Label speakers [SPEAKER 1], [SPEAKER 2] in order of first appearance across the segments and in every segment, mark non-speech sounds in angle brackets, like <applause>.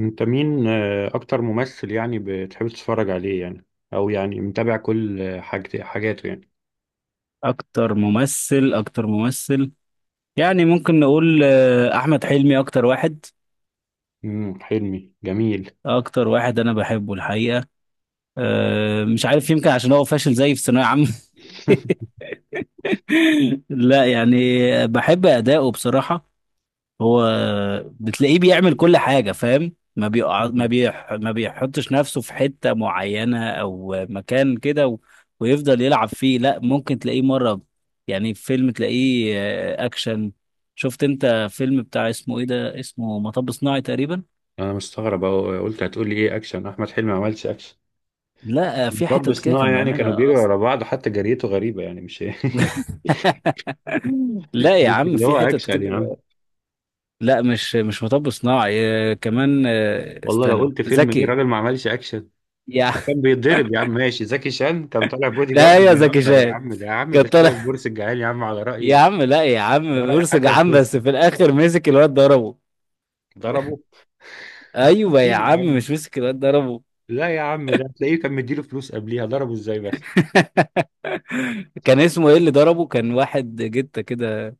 [SPEAKER 1] انت مين، اكتر ممثل يعني بتحب تتفرج عليه يعني، او يعني متابع كل حاجاته يعني.
[SPEAKER 2] اكتر ممثل يعني ممكن نقول احمد حلمي اكتر واحد.
[SPEAKER 1] حلمي جميل.
[SPEAKER 2] انا بحبه الحقيقه. مش عارف، يمكن عشان هو فاشل زيي في ثانويه عامه.
[SPEAKER 1] <laughs>
[SPEAKER 2] <laughs> لا يعني، بحب اداؤه بصراحه. هو بتلاقيه بيعمل كل حاجة، فاهم؟ ما بيقع،
[SPEAKER 1] مم.
[SPEAKER 2] ما بيحطش نفسه في حتة معينة أو مكان كده و... ويفضل يلعب فيه. لا، ممكن تلاقيه مرة يعني في فيلم تلاقيه أكشن. شفت أنت فيلم بتاع اسمه إيه ده؟ اسمه مطب صناعي تقريبا.
[SPEAKER 1] انا مستغرب أهو، قلت هتقولي ايه؟ اكشن؟ احمد حلمي ما عملش اكشن.
[SPEAKER 2] لا في
[SPEAKER 1] مطب
[SPEAKER 2] حتت كده
[SPEAKER 1] صناعي
[SPEAKER 2] كان
[SPEAKER 1] يعني كانوا
[SPEAKER 2] بيعملها
[SPEAKER 1] بيجروا
[SPEAKER 2] أصلا.
[SPEAKER 1] ورا بعض، حتى جريته غريبة يعني مش...
[SPEAKER 2] <laughs> لا
[SPEAKER 1] <laughs>
[SPEAKER 2] يا
[SPEAKER 1] مش
[SPEAKER 2] عم،
[SPEAKER 1] اللي هو
[SPEAKER 2] في حتت
[SPEAKER 1] اكشن يا عم.
[SPEAKER 2] كده. لا، مش مطب صناعي. كمان
[SPEAKER 1] والله لو
[SPEAKER 2] استنى
[SPEAKER 1] قلت فيلم ايه
[SPEAKER 2] زكي.
[SPEAKER 1] راجل ما عملش اكشن.
[SPEAKER 2] يا
[SPEAKER 1] كان بيتضرب يا عم، ماشي زكي شان كان طالع
[SPEAKER 2] <laughs>
[SPEAKER 1] بودي
[SPEAKER 2] لا،
[SPEAKER 1] جارد،
[SPEAKER 2] يا زكي
[SPEAKER 1] بيهزر يا
[SPEAKER 2] شان
[SPEAKER 1] عم، ده يا عم
[SPEAKER 2] كان
[SPEAKER 1] ده شبه
[SPEAKER 2] طالع.
[SPEAKER 1] البورس الجعال يا عم، على
[SPEAKER 2] يا
[SPEAKER 1] رأي،
[SPEAKER 2] عم لا يا عم،
[SPEAKER 1] على رأي
[SPEAKER 2] بورسج يا
[SPEAKER 1] حسن
[SPEAKER 2] عم، بس
[SPEAKER 1] حسني.
[SPEAKER 2] في الاخر مسك الواد ضربه.
[SPEAKER 1] ضربه. انت بتعمل
[SPEAKER 2] ايوه يا
[SPEAKER 1] مين يا
[SPEAKER 2] عم،
[SPEAKER 1] عم؟
[SPEAKER 2] مش مسك الواد ضربه؟
[SPEAKER 1] لا يا عم، ده تلاقيه كان مديله فلوس قبليها، ضربه ازاي بس؟
[SPEAKER 2] <laughs> كان اسمه ايه اللي ضربه؟ كان واحد جته كده،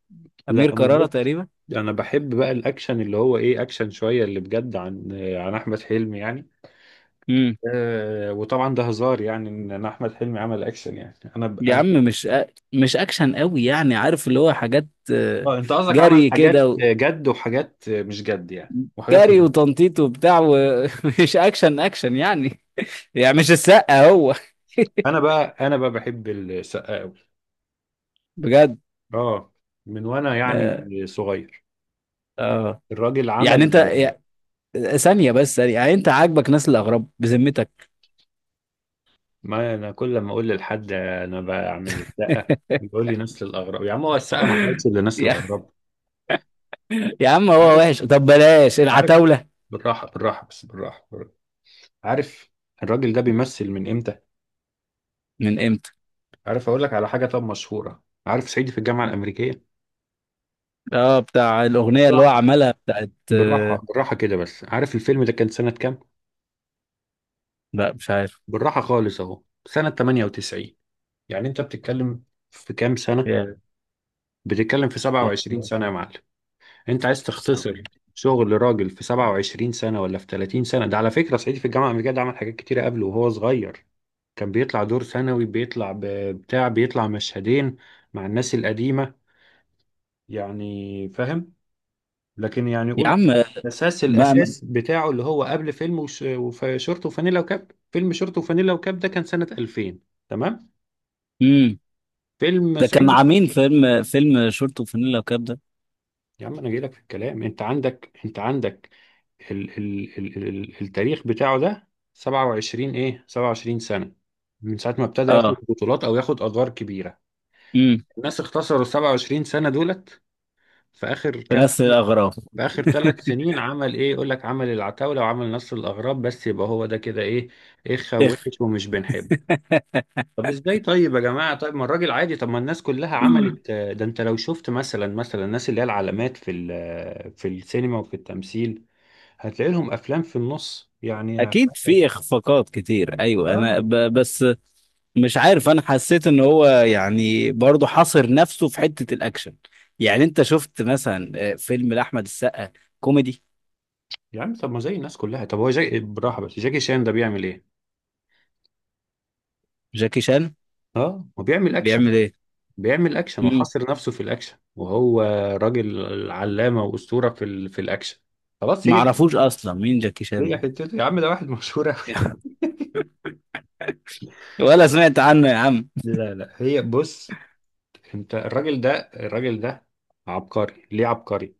[SPEAKER 1] لا
[SPEAKER 2] امير
[SPEAKER 1] انا
[SPEAKER 2] كرارة
[SPEAKER 1] بص،
[SPEAKER 2] تقريبا.
[SPEAKER 1] انا بحب بقى الاكشن اللي هو ايه، اكشن شويه اللي بجد، عن عن احمد حلمي يعني.
[SPEAKER 2] امم،
[SPEAKER 1] آه، وطبعا ده هزار يعني ان أنا احمد حلمي عمل اكشن، يعني انا ب...
[SPEAKER 2] يا
[SPEAKER 1] انا
[SPEAKER 2] عم مش مش اكشن قوي، يعني عارف اللي هو حاجات. آه،
[SPEAKER 1] آه، انت قصدك عمل
[SPEAKER 2] جري كده
[SPEAKER 1] حاجات
[SPEAKER 2] و...
[SPEAKER 1] جد وحاجات مش جد يعني وحاجات
[SPEAKER 2] جري
[SPEAKER 1] هزار.
[SPEAKER 2] وتنطيط وبتاع ومش <laughs> اكشن اكشن يعني. <laughs> يعني مش السقا هو.
[SPEAKER 1] انا بقى بحب السقا قوي.
[SPEAKER 2] <laughs> بجد.
[SPEAKER 1] اه، من وانا يعني
[SPEAKER 2] اه.
[SPEAKER 1] صغير.
[SPEAKER 2] آه.
[SPEAKER 1] الراجل
[SPEAKER 2] يعني
[SPEAKER 1] عمل،
[SPEAKER 2] انت ثانية بس، ثانية يعني، انت عاجبك ناس الاغراب بذمتك؟
[SPEAKER 1] ما انا كل ما اقول لحد انا بعمل السقه
[SPEAKER 2] <laughs>
[SPEAKER 1] بيقول لي نسل الاغراب، يا عم هو السقه ما عملتش الا نسل
[SPEAKER 2] يا
[SPEAKER 1] الاغراب.
[SPEAKER 2] يا عم هو
[SPEAKER 1] عارف،
[SPEAKER 2] وحش، طب بلاش
[SPEAKER 1] انت عارف،
[SPEAKER 2] العتاولة.
[SPEAKER 1] بالراحه بالراحه بس بالراحه، بالراحة. عارف، الراجل ده بيمثل من امتى؟
[SPEAKER 2] من امتى؟
[SPEAKER 1] عارف اقول لك على حاجه؟ طب مشهوره، عارف صعيدي في الجامعه الامريكيه؟
[SPEAKER 2] اه، بتاع الأغنية اللي هو
[SPEAKER 1] بالراحه،
[SPEAKER 2] عملها بتاعت
[SPEAKER 1] بالراحه بالراحه كده، بس عارف الفيلم ده كان سنه كام؟
[SPEAKER 2] لا مش عارف.
[SPEAKER 1] بالراحه خالص اهو، سنه 98. يعني انت بتتكلم في كام سنه؟
[SPEAKER 2] يا
[SPEAKER 1] بتتكلم في
[SPEAKER 2] يا
[SPEAKER 1] 27 سنه يا معلم. انت عايز تختصر شغل راجل في 27 سنة ولا في 30 سنة؟ ده على فكرة صعيدي في الجامعة الأمريكية ده عمل حاجات كتيرة قبله وهو صغير، كان بيطلع دور ثانوي، بتاع، بيطلع مشهدين مع الناس القديمة، يعني فاهم؟ لكن يعني
[SPEAKER 2] يا
[SPEAKER 1] قول،
[SPEAKER 2] عم،
[SPEAKER 1] الأساس
[SPEAKER 2] ما ما-
[SPEAKER 1] الأساس بتاعه اللي هو قبل فيلم شورت وفانيلا وكاب. فيلم شورت وفانيلا وكاب ده كان سنة 2000، تمام؟
[SPEAKER 2] امم،
[SPEAKER 1] فيلم
[SPEAKER 2] ده كان مع
[SPEAKER 1] صعيدي.
[SPEAKER 2] مين فيلم شورت وفانيلا وكاب ده؟
[SPEAKER 1] يا عم انا جاي لك في الكلام، انت عندك، انت عندك. ال التاريخ بتاعه ده 27، ايه 27 سنة من ساعة ما ابتدى ياخد
[SPEAKER 2] اه.
[SPEAKER 1] بطولات او ياخد ادوار كبيرة.
[SPEAKER 2] امم.
[SPEAKER 1] الناس اختصروا ال 27 سنة دولت في اخر
[SPEAKER 2] في
[SPEAKER 1] كام
[SPEAKER 2] نفس
[SPEAKER 1] سنة؟
[SPEAKER 2] الأغراض.
[SPEAKER 1] في اخر ثلاث سنين عمل ايه؟ يقول لك عمل العتاولة وعمل نصر الاغراب، بس يبقى هو ده كده ايه؟ ايه
[SPEAKER 2] <laughs> إخ-
[SPEAKER 1] خوش ومش بنحب. طب ازاي طيب يا جماعة؟ طيب ما الراجل عادي، طب ما الناس كلها عملت ده، انت لو شفت مثلا، الناس اللي هي العلامات في في السينما وفي التمثيل هتلاقي لهم افلام في النص يعني.
[SPEAKER 2] اكيد في اخفاقات كتير، ايوه انا
[SPEAKER 1] اه،
[SPEAKER 2] بس مش عارف، انا حسيت ان هو يعني برضه حاصر نفسه في حتة الاكشن. يعني انت شفت مثلا فيلم لاحمد السقا كوميدي؟
[SPEAKER 1] يا عم طب ما زي الناس كلها، طب هو جاي بالراحة، بس جاكي شان ده بيعمل ايه؟
[SPEAKER 2] جاكي شان
[SPEAKER 1] اه هو بيعمل اكشن،
[SPEAKER 2] بيعمل ايه؟
[SPEAKER 1] بيعمل اكشن
[SPEAKER 2] مم.
[SPEAKER 1] وحاصر نفسه في الاكشن، وهو راجل علامة واسطورة في الاكشن. خلاص هي دي-
[SPEAKER 2] معرفوش اصلا مين جاكي
[SPEAKER 1] هي
[SPEAKER 2] شان
[SPEAKER 1] حتته يا عم، ده واحد مشهور أوي.
[SPEAKER 2] ده. <laughs> ولا سمعت عنه يا عم.
[SPEAKER 1] لا لا، هي بص، انت الراجل ده، الراجل ده. عبقري، ليه عبقري؟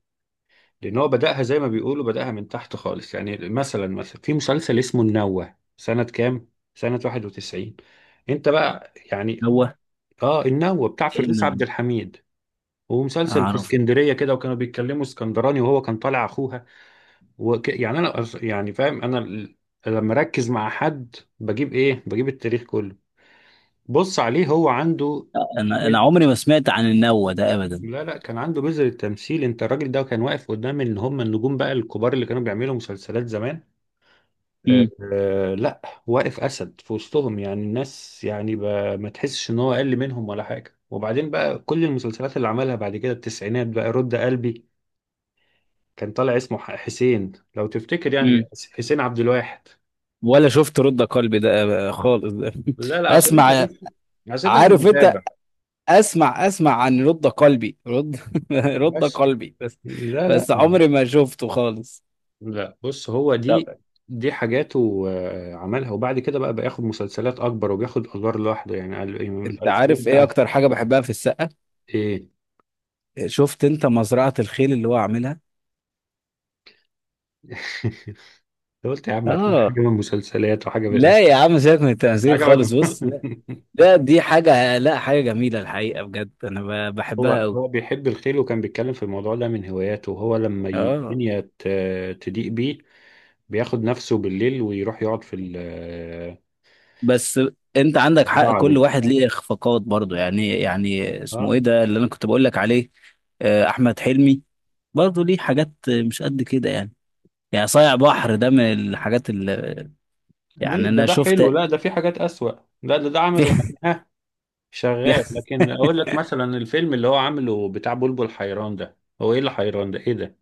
[SPEAKER 1] لان هو بدأها زي ما بيقولوا، بدأها من تحت خالص. يعني مثلا، في مسلسل اسمه النوة سنة كام؟ سنة 91. انت بقى يعني،
[SPEAKER 2] هو
[SPEAKER 1] اه، النوة بتاع
[SPEAKER 2] ايه
[SPEAKER 1] فردوس عبد
[SPEAKER 2] النوة؟
[SPEAKER 1] الحميد، ومسلسل في
[SPEAKER 2] اعرف.
[SPEAKER 1] اسكندرية كده، وكانوا بيتكلموا اسكندراني، وهو كان طالع اخوها. وك... يعني انا أص- يعني فاهم لما اركز مع حد بجيب ايه؟ بجيب التاريخ كله. بص عليه، هو عنده،
[SPEAKER 2] انا عمري ما سمعت عن النوة ده ابدا.
[SPEAKER 1] لا لا، كان عنده بذر التمثيل. انت الراجل ده كان واقف قدام، ان هم النجوم بقى الكبار اللي كانوا بيعملوا مسلسلات زمان. آه،
[SPEAKER 2] مم.
[SPEAKER 1] لا، واقف اسد في وسطهم، يعني الناس يعني ما تحسش ان هو اقل منهم ولا حاجه. وبعدين بقى كل المسلسلات اللي عملها بعد كده التسعينات، بقى رد قلبي، كان طالع اسمه حسين، لو تفتكر يعني،
[SPEAKER 2] مم.
[SPEAKER 1] حسين عبد الواحد.
[SPEAKER 2] ولا شفت رد قلبي ده؟ خالص <laughs> ده.
[SPEAKER 1] لا لا، عشان انت
[SPEAKER 2] اسمع،
[SPEAKER 1] بس، عشان انت مش
[SPEAKER 2] عارف انت،
[SPEAKER 1] متابع.
[SPEAKER 2] اسمع اسمع، عن رد قلبي، رد <laughs> رد
[SPEAKER 1] بس،
[SPEAKER 2] قلبي بس،
[SPEAKER 1] لا لا،
[SPEAKER 2] بس عمري ما شفته خالص.
[SPEAKER 1] لا بص، هو
[SPEAKER 2] طب
[SPEAKER 1] دي، دي حاجاته عملها. وبعد كده بقى بياخد مسلسلات اكبر وبياخد ادوار لوحده، يعني قال إيه، من
[SPEAKER 2] انت
[SPEAKER 1] الالفينات
[SPEAKER 2] عارف ايه
[SPEAKER 1] بقى.
[SPEAKER 2] اكتر حاجه بحبها في السقا؟
[SPEAKER 1] ايه؟
[SPEAKER 2] شفت انت مزرعه الخيل اللي هو عاملها؟
[SPEAKER 1] <laughs> قلت يا عم هتبقى
[SPEAKER 2] اه.
[SPEAKER 1] حاجه من مسلسلات وحاجه من،
[SPEAKER 2] لا يا عم سيبك من
[SPEAKER 1] مش
[SPEAKER 2] التمثيل
[SPEAKER 1] عجبك؟
[SPEAKER 2] خالص، بص لا،
[SPEAKER 1] <laughs>
[SPEAKER 2] ده دي حاجه، لا حاجه جميله الحقيقه، بجد انا
[SPEAKER 1] هو
[SPEAKER 2] بحبها قوي.
[SPEAKER 1] هو بيحب الخيل، وكان بيتكلم في الموضوع ده من هواياته، وهو لما
[SPEAKER 2] اه،
[SPEAKER 1] الدنيا تضيق بيه بياخد نفسه بالليل ويروح يقعد في
[SPEAKER 2] بس انت عندك حق،
[SPEAKER 1] الزراعه
[SPEAKER 2] كل
[SPEAKER 1] دي.
[SPEAKER 2] واحد ليه اخفاقات برضه يعني. يعني اسمه
[SPEAKER 1] اه،
[SPEAKER 2] ايه ده اللي انا كنت بقول لك عليه؟ احمد حلمي برضه ليه حاجات مش قد كده يعني. يعني صايع بحر ده من الحاجات اللي
[SPEAKER 1] ليه؟
[SPEAKER 2] يعني
[SPEAKER 1] ده
[SPEAKER 2] انا
[SPEAKER 1] حلو،
[SPEAKER 2] شفت.
[SPEAKER 1] لا ده
[SPEAKER 2] <laughs>
[SPEAKER 1] في حاجات اسوأ. لا، ده عمله يعني شغال، لكن اقول لك مثلا الفيلم اللي هو عامله بتاع بلبل حيران ده، هو ايه اللي حيران ده؟ ايه ده؟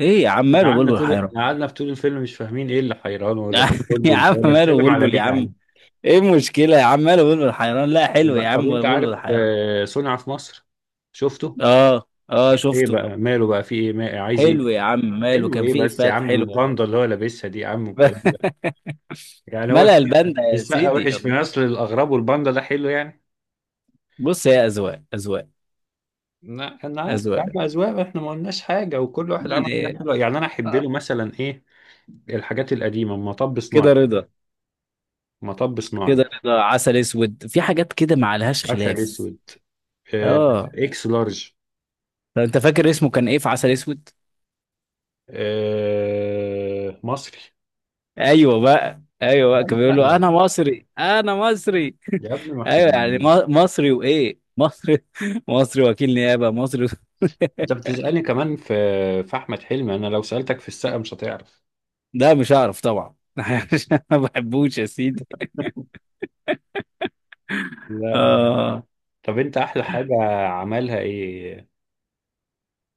[SPEAKER 2] ايه يا عم
[SPEAKER 1] إحنا
[SPEAKER 2] ماله
[SPEAKER 1] قعدنا
[SPEAKER 2] بلبل
[SPEAKER 1] طول،
[SPEAKER 2] حيران؟
[SPEAKER 1] قعدنا طول الفيلم مش فاهمين ايه اللي حيران، ولا في
[SPEAKER 2] <laughs> يا
[SPEAKER 1] بلبل ده،
[SPEAKER 2] عم
[SPEAKER 1] ولا
[SPEAKER 2] ماله
[SPEAKER 1] بيتكلم على
[SPEAKER 2] بلبل
[SPEAKER 1] مين
[SPEAKER 2] يا
[SPEAKER 1] يا
[SPEAKER 2] عم؟
[SPEAKER 1] عم.
[SPEAKER 2] ايه المشكلة يا عم ماله بلبل حيران؟ لا حلو يا
[SPEAKER 1] طب
[SPEAKER 2] عم
[SPEAKER 1] انت عارف
[SPEAKER 2] بلبل حيران.
[SPEAKER 1] صنع في مصر؟ شفته؟
[SPEAKER 2] اه اه
[SPEAKER 1] ايه
[SPEAKER 2] شفته.
[SPEAKER 1] بقى؟ ماله بقى؟ في ايه؟ ما عايز ايه؟
[SPEAKER 2] حلو يا عم ماله،
[SPEAKER 1] حلو
[SPEAKER 2] كان
[SPEAKER 1] ايه
[SPEAKER 2] فيه
[SPEAKER 1] بس يا
[SPEAKER 2] افات
[SPEAKER 1] عم؟
[SPEAKER 2] حلوة برضه.
[SPEAKER 1] الباندا اللي هو لابسها دي يا عم والكلام
[SPEAKER 2] <laughs>
[SPEAKER 1] ده، يعني هو
[SPEAKER 2] ملأ
[SPEAKER 1] السقا
[SPEAKER 2] الباندا يا
[SPEAKER 1] السقا
[SPEAKER 2] سيدي
[SPEAKER 1] وحش في
[SPEAKER 2] الله.
[SPEAKER 1] نسل الاغراب والباندا ده حلو يعني؟
[SPEAKER 2] بص، هي اذواق اذواق
[SPEAKER 1] لا، انا عارف يا
[SPEAKER 2] اذواق
[SPEAKER 1] عم، اذواق، احنا ما قلناش حاجه، وكل واحد عمل حاجات
[SPEAKER 2] يعني.
[SPEAKER 1] حلوه. يعني انا احب
[SPEAKER 2] آه.
[SPEAKER 1] له مثلا ايه، الحاجات القديمة، مطب صناعي،
[SPEAKER 2] كده رضا،
[SPEAKER 1] مطب صناعي،
[SPEAKER 2] كده رضا، عسل اسود، في حاجات كده ما عليهاش
[SPEAKER 1] عسل
[SPEAKER 2] خلاف.
[SPEAKER 1] اسود، آه،
[SPEAKER 2] اه.
[SPEAKER 1] اكس لارج،
[SPEAKER 2] طب انت فاكر اسمه كان ايه في عسل اسود؟
[SPEAKER 1] مصري.
[SPEAKER 2] ايوه بقى، ايوه بقى، كان
[SPEAKER 1] طيب،
[SPEAKER 2] بيقول
[SPEAKER 1] لا،
[SPEAKER 2] له انا مصري انا مصري.
[SPEAKER 1] يا ابني ما
[SPEAKER 2] <laughs>
[SPEAKER 1] احنا،
[SPEAKER 2] ايوه يعني مصري، وايه مصري؟ <laughs> مصري وكيل نيابه مصري.
[SPEAKER 1] انت بتسألني كمان في احمد حلمي، انا لو سألتك في السقا مش هتعرف.
[SPEAKER 2] <laughs> ده مش هعرف طبعا. <laughs> عشان ما بحبوش يا سيدي.
[SPEAKER 1] لا.
[SPEAKER 2] آه.
[SPEAKER 1] طب انت احلى حاجة عملها ايه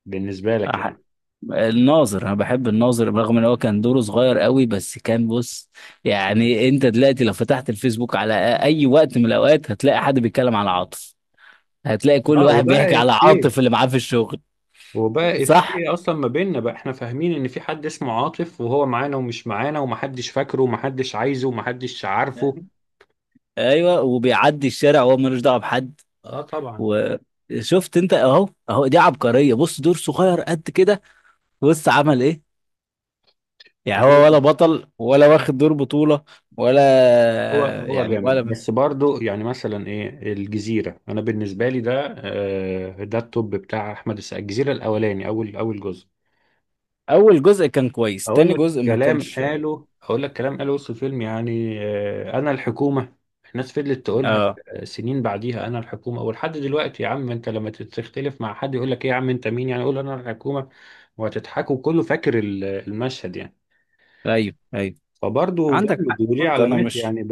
[SPEAKER 1] بالنسبة لك
[SPEAKER 2] أح-
[SPEAKER 1] يعني؟
[SPEAKER 2] الناظر، انا بحب الناظر، رغم ان هو كان دوره صغير قوي بس كان، بص، يعني انت دلوقتي لو فتحت الفيسبوك على اي وقت من الاوقات هتلاقي حد بيتكلم على عاطف. هتلاقي كل
[SPEAKER 1] اه،
[SPEAKER 2] واحد بيحكي
[SPEAKER 1] وبقى
[SPEAKER 2] على
[SPEAKER 1] افيه،
[SPEAKER 2] عاطف اللي معاه في الشغل.
[SPEAKER 1] وبقى
[SPEAKER 2] صح،
[SPEAKER 1] افيه اصلا ما بيننا بقى، احنا فاهمين ان في حد اسمه عاطف وهو معانا ومش معانا ومحدش فاكره ومحدش عايزه ومحدش عارفه.
[SPEAKER 2] ايوه، وبيعدي الشارع وهو ملوش دعوه بحد.
[SPEAKER 1] اه طبعا.
[SPEAKER 2] وشفت انت؟ اهو اهو، دي عبقريه، بص دور صغير قد كده بص عمل ايه. يعني هو
[SPEAKER 1] هو،
[SPEAKER 2] ولا بطل ولا واخد دور بطوله ولا
[SPEAKER 1] هو
[SPEAKER 2] يعني
[SPEAKER 1] جامد،
[SPEAKER 2] ولا.
[SPEAKER 1] بس برضو يعني مثلا ايه الجزيرة، انا بالنسبة لي ده ده التوب بتاع احمد السقا، الجزيرة الاولاني، اول جزء.
[SPEAKER 2] اول جزء كان كويس، تاني جزء ما كانش.
[SPEAKER 1] اقول لك كلام قاله وسط الفيلم يعني، انا الحكومة. الناس فضلت تقولها
[SPEAKER 2] اه.
[SPEAKER 1] سنين بعديها، انا الحكومة. ولحد دلوقتي يا عم، انت لما تختلف مع حد يقول لك ايه يا عم انت مين يعني؟ قول انا الحكومة وهتضحكوا، كله فاكر المشهد يعني،
[SPEAKER 2] ايوه ايوه
[SPEAKER 1] فبرضه
[SPEAKER 2] عندك حق
[SPEAKER 1] جامد وليه
[SPEAKER 2] برضه، انا
[SPEAKER 1] علامات،
[SPEAKER 2] مش،
[SPEAKER 1] يعني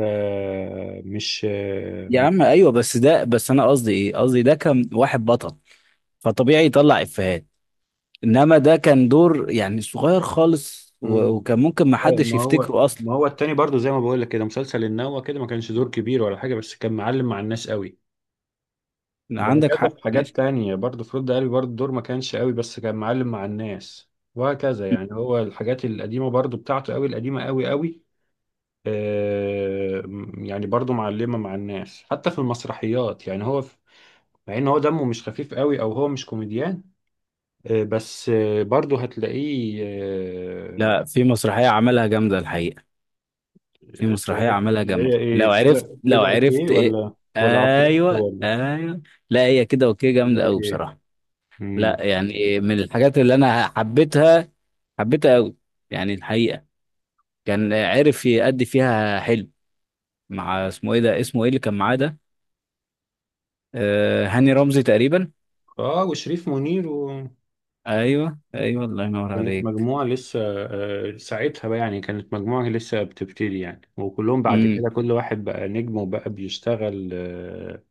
[SPEAKER 1] مش
[SPEAKER 2] يا عم ايوه بس ده، بس انا قصدي ايه؟ قصدي ده كان واحد بطل، فطبيعي يطلع افيهات، انما ده كان دور يعني صغير خالص
[SPEAKER 1] مم.
[SPEAKER 2] وكان ممكن ما
[SPEAKER 1] أيوة،
[SPEAKER 2] حدش يفتكره اصلا.
[SPEAKER 1] ما هو التاني برضو، زي ما بقول لك كده، مسلسل النوة كده ما كانش دور كبير ولا حاجة بس كان معلم مع الناس قوي.
[SPEAKER 2] لا، عندك
[SPEAKER 1] وهكذا
[SPEAKER 2] حق،
[SPEAKER 1] في حاجات
[SPEAKER 2] ماشي.
[SPEAKER 1] تانية برضو، في رد قلبي برضو الدور ما كانش قوي بس كان معلم مع الناس، وهكذا يعني. هو الحاجات القديمة برضو بتاعته قوي، القديمة قوي قوي. آه، يعني برضو معلمة مع الناس حتى في المسرحيات يعني. هو في، مع ان هو دمه مش خفيف قوي، او هو مش كوميديان، بس برضه هتلاقيه
[SPEAKER 2] لا، في مسرحية عملها جامدة الحقيقة. في
[SPEAKER 1] اللي
[SPEAKER 2] مسرحية
[SPEAKER 1] هي
[SPEAKER 2] عملها
[SPEAKER 1] اللي هي
[SPEAKER 2] جامدة،
[SPEAKER 1] ايه،
[SPEAKER 2] لو عرفت
[SPEAKER 1] كده
[SPEAKER 2] لو
[SPEAKER 1] كده اوكي
[SPEAKER 2] عرفت ايه؟
[SPEAKER 1] ولا، ولا عفروتو،
[SPEAKER 2] ايوه
[SPEAKER 1] ولا
[SPEAKER 2] ايوه. لا هي كده اوكي،
[SPEAKER 1] كده
[SPEAKER 2] جامدة قوي
[SPEAKER 1] اوكي.
[SPEAKER 2] بصراحة.
[SPEAKER 1] امم.
[SPEAKER 2] لا يعني من الحاجات اللي انا حبيتها، حبيتها قوي يعني الحقيقة. كان عرف يأدي فيها حلو، مع اسمه ايه ده، اسمه ايه اللي كان معاه ده؟ آه هاني رمزي تقريبا.
[SPEAKER 1] اه، وشريف منير و...
[SPEAKER 2] ايوه ايوه الله ينور
[SPEAKER 1] كانت
[SPEAKER 2] عليك.
[SPEAKER 1] مجموعة لسه، ساعتها بقى يعني، كانت مجموعة لسه بتبتدي يعني، وكلهم بعد
[SPEAKER 2] امم.
[SPEAKER 1] كده كل واحد بقى نجم وبقى بيشتغل،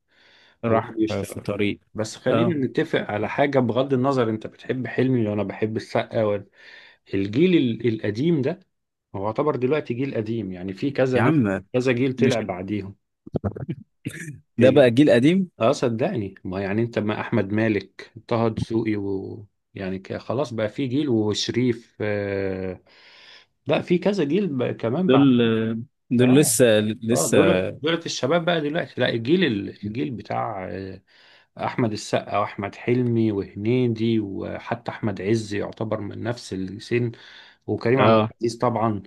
[SPEAKER 1] وبقى
[SPEAKER 2] راح في
[SPEAKER 1] بيشتغل.
[SPEAKER 2] طريق.
[SPEAKER 1] بس
[SPEAKER 2] اه.
[SPEAKER 1] خلينا نتفق على حاجة، بغض النظر انت بتحب حلمي وانا بحب السقا ولا، الجيل القديم ده هو يعتبر دلوقتي جيل قديم، يعني في
[SPEAKER 2] يا
[SPEAKER 1] كذا ناس،
[SPEAKER 2] عم
[SPEAKER 1] كذا جيل
[SPEAKER 2] مش
[SPEAKER 1] طلع بعديهم.
[SPEAKER 2] ده بقى جيل قديم.
[SPEAKER 1] اه صدقني، ما يعني انت ما احمد مالك، طه دسوقي، و... يعني خلاص بقى في جيل، وشريف، آه، لا في كذا جيل بقى كمان
[SPEAKER 2] دول
[SPEAKER 1] بعد.
[SPEAKER 2] دول
[SPEAKER 1] اه،
[SPEAKER 2] لسه،
[SPEAKER 1] اه،
[SPEAKER 2] لسه.
[SPEAKER 1] دول الشباب بقى دلوقتي. لا، الجيل الجيل بتاع احمد السقا واحمد حلمي وهنيدي، وحتى احمد عز يعتبر من نفس السن، وكريم عبد
[SPEAKER 2] اه.
[SPEAKER 1] العزيز طبعا.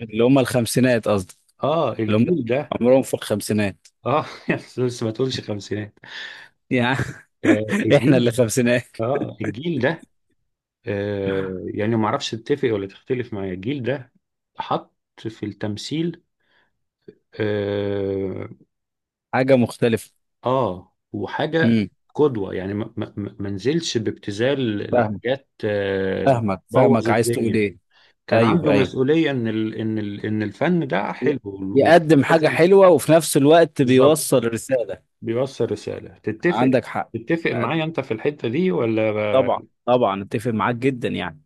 [SPEAKER 2] اللي هم الخمسينات قصدي،
[SPEAKER 1] اه
[SPEAKER 2] اللي هم
[SPEAKER 1] الجيل ده،
[SPEAKER 2] عمرهم في الخمسينات
[SPEAKER 1] اه، <laughs> بس ما تقولش خمسينات.
[SPEAKER 2] يعني.
[SPEAKER 1] آه
[SPEAKER 2] <laughs> احنا
[SPEAKER 1] الجيل،
[SPEAKER 2] اللي خمسينات.
[SPEAKER 1] اه الجيل ده يعني ما اعرفش تتفق ولا تختلف معايا، الجيل ده حط في التمثيل، اه،
[SPEAKER 2] حاجة مختلفة.
[SPEAKER 1] وحاجة
[SPEAKER 2] امم.
[SPEAKER 1] قدوة، يعني ما نزلش بابتذال
[SPEAKER 2] فاهم،
[SPEAKER 1] لحاجات
[SPEAKER 2] فاهمك
[SPEAKER 1] بوظ
[SPEAKER 2] فاهمك، عايز تقول
[SPEAKER 1] الدنيا.
[SPEAKER 2] ايه؟
[SPEAKER 1] كان
[SPEAKER 2] ايوه
[SPEAKER 1] عنده
[SPEAKER 2] ايوه،
[SPEAKER 1] مسؤولية ان ال ان ال ان الفن ده
[SPEAKER 2] ي-
[SPEAKER 1] حلو
[SPEAKER 2] يقدم حاجة
[SPEAKER 1] ولازم،
[SPEAKER 2] حلوة وفي نفس الوقت
[SPEAKER 1] بالظبط،
[SPEAKER 2] بيوصل رسالة.
[SPEAKER 1] بيوصل رسالة. تتفق،
[SPEAKER 2] عندك حق.
[SPEAKER 1] تتفق
[SPEAKER 2] أه،
[SPEAKER 1] معايا انت في الحتة دي
[SPEAKER 2] طبعا
[SPEAKER 1] ولا؟
[SPEAKER 2] طبعا اتفق معاك جدا يعني.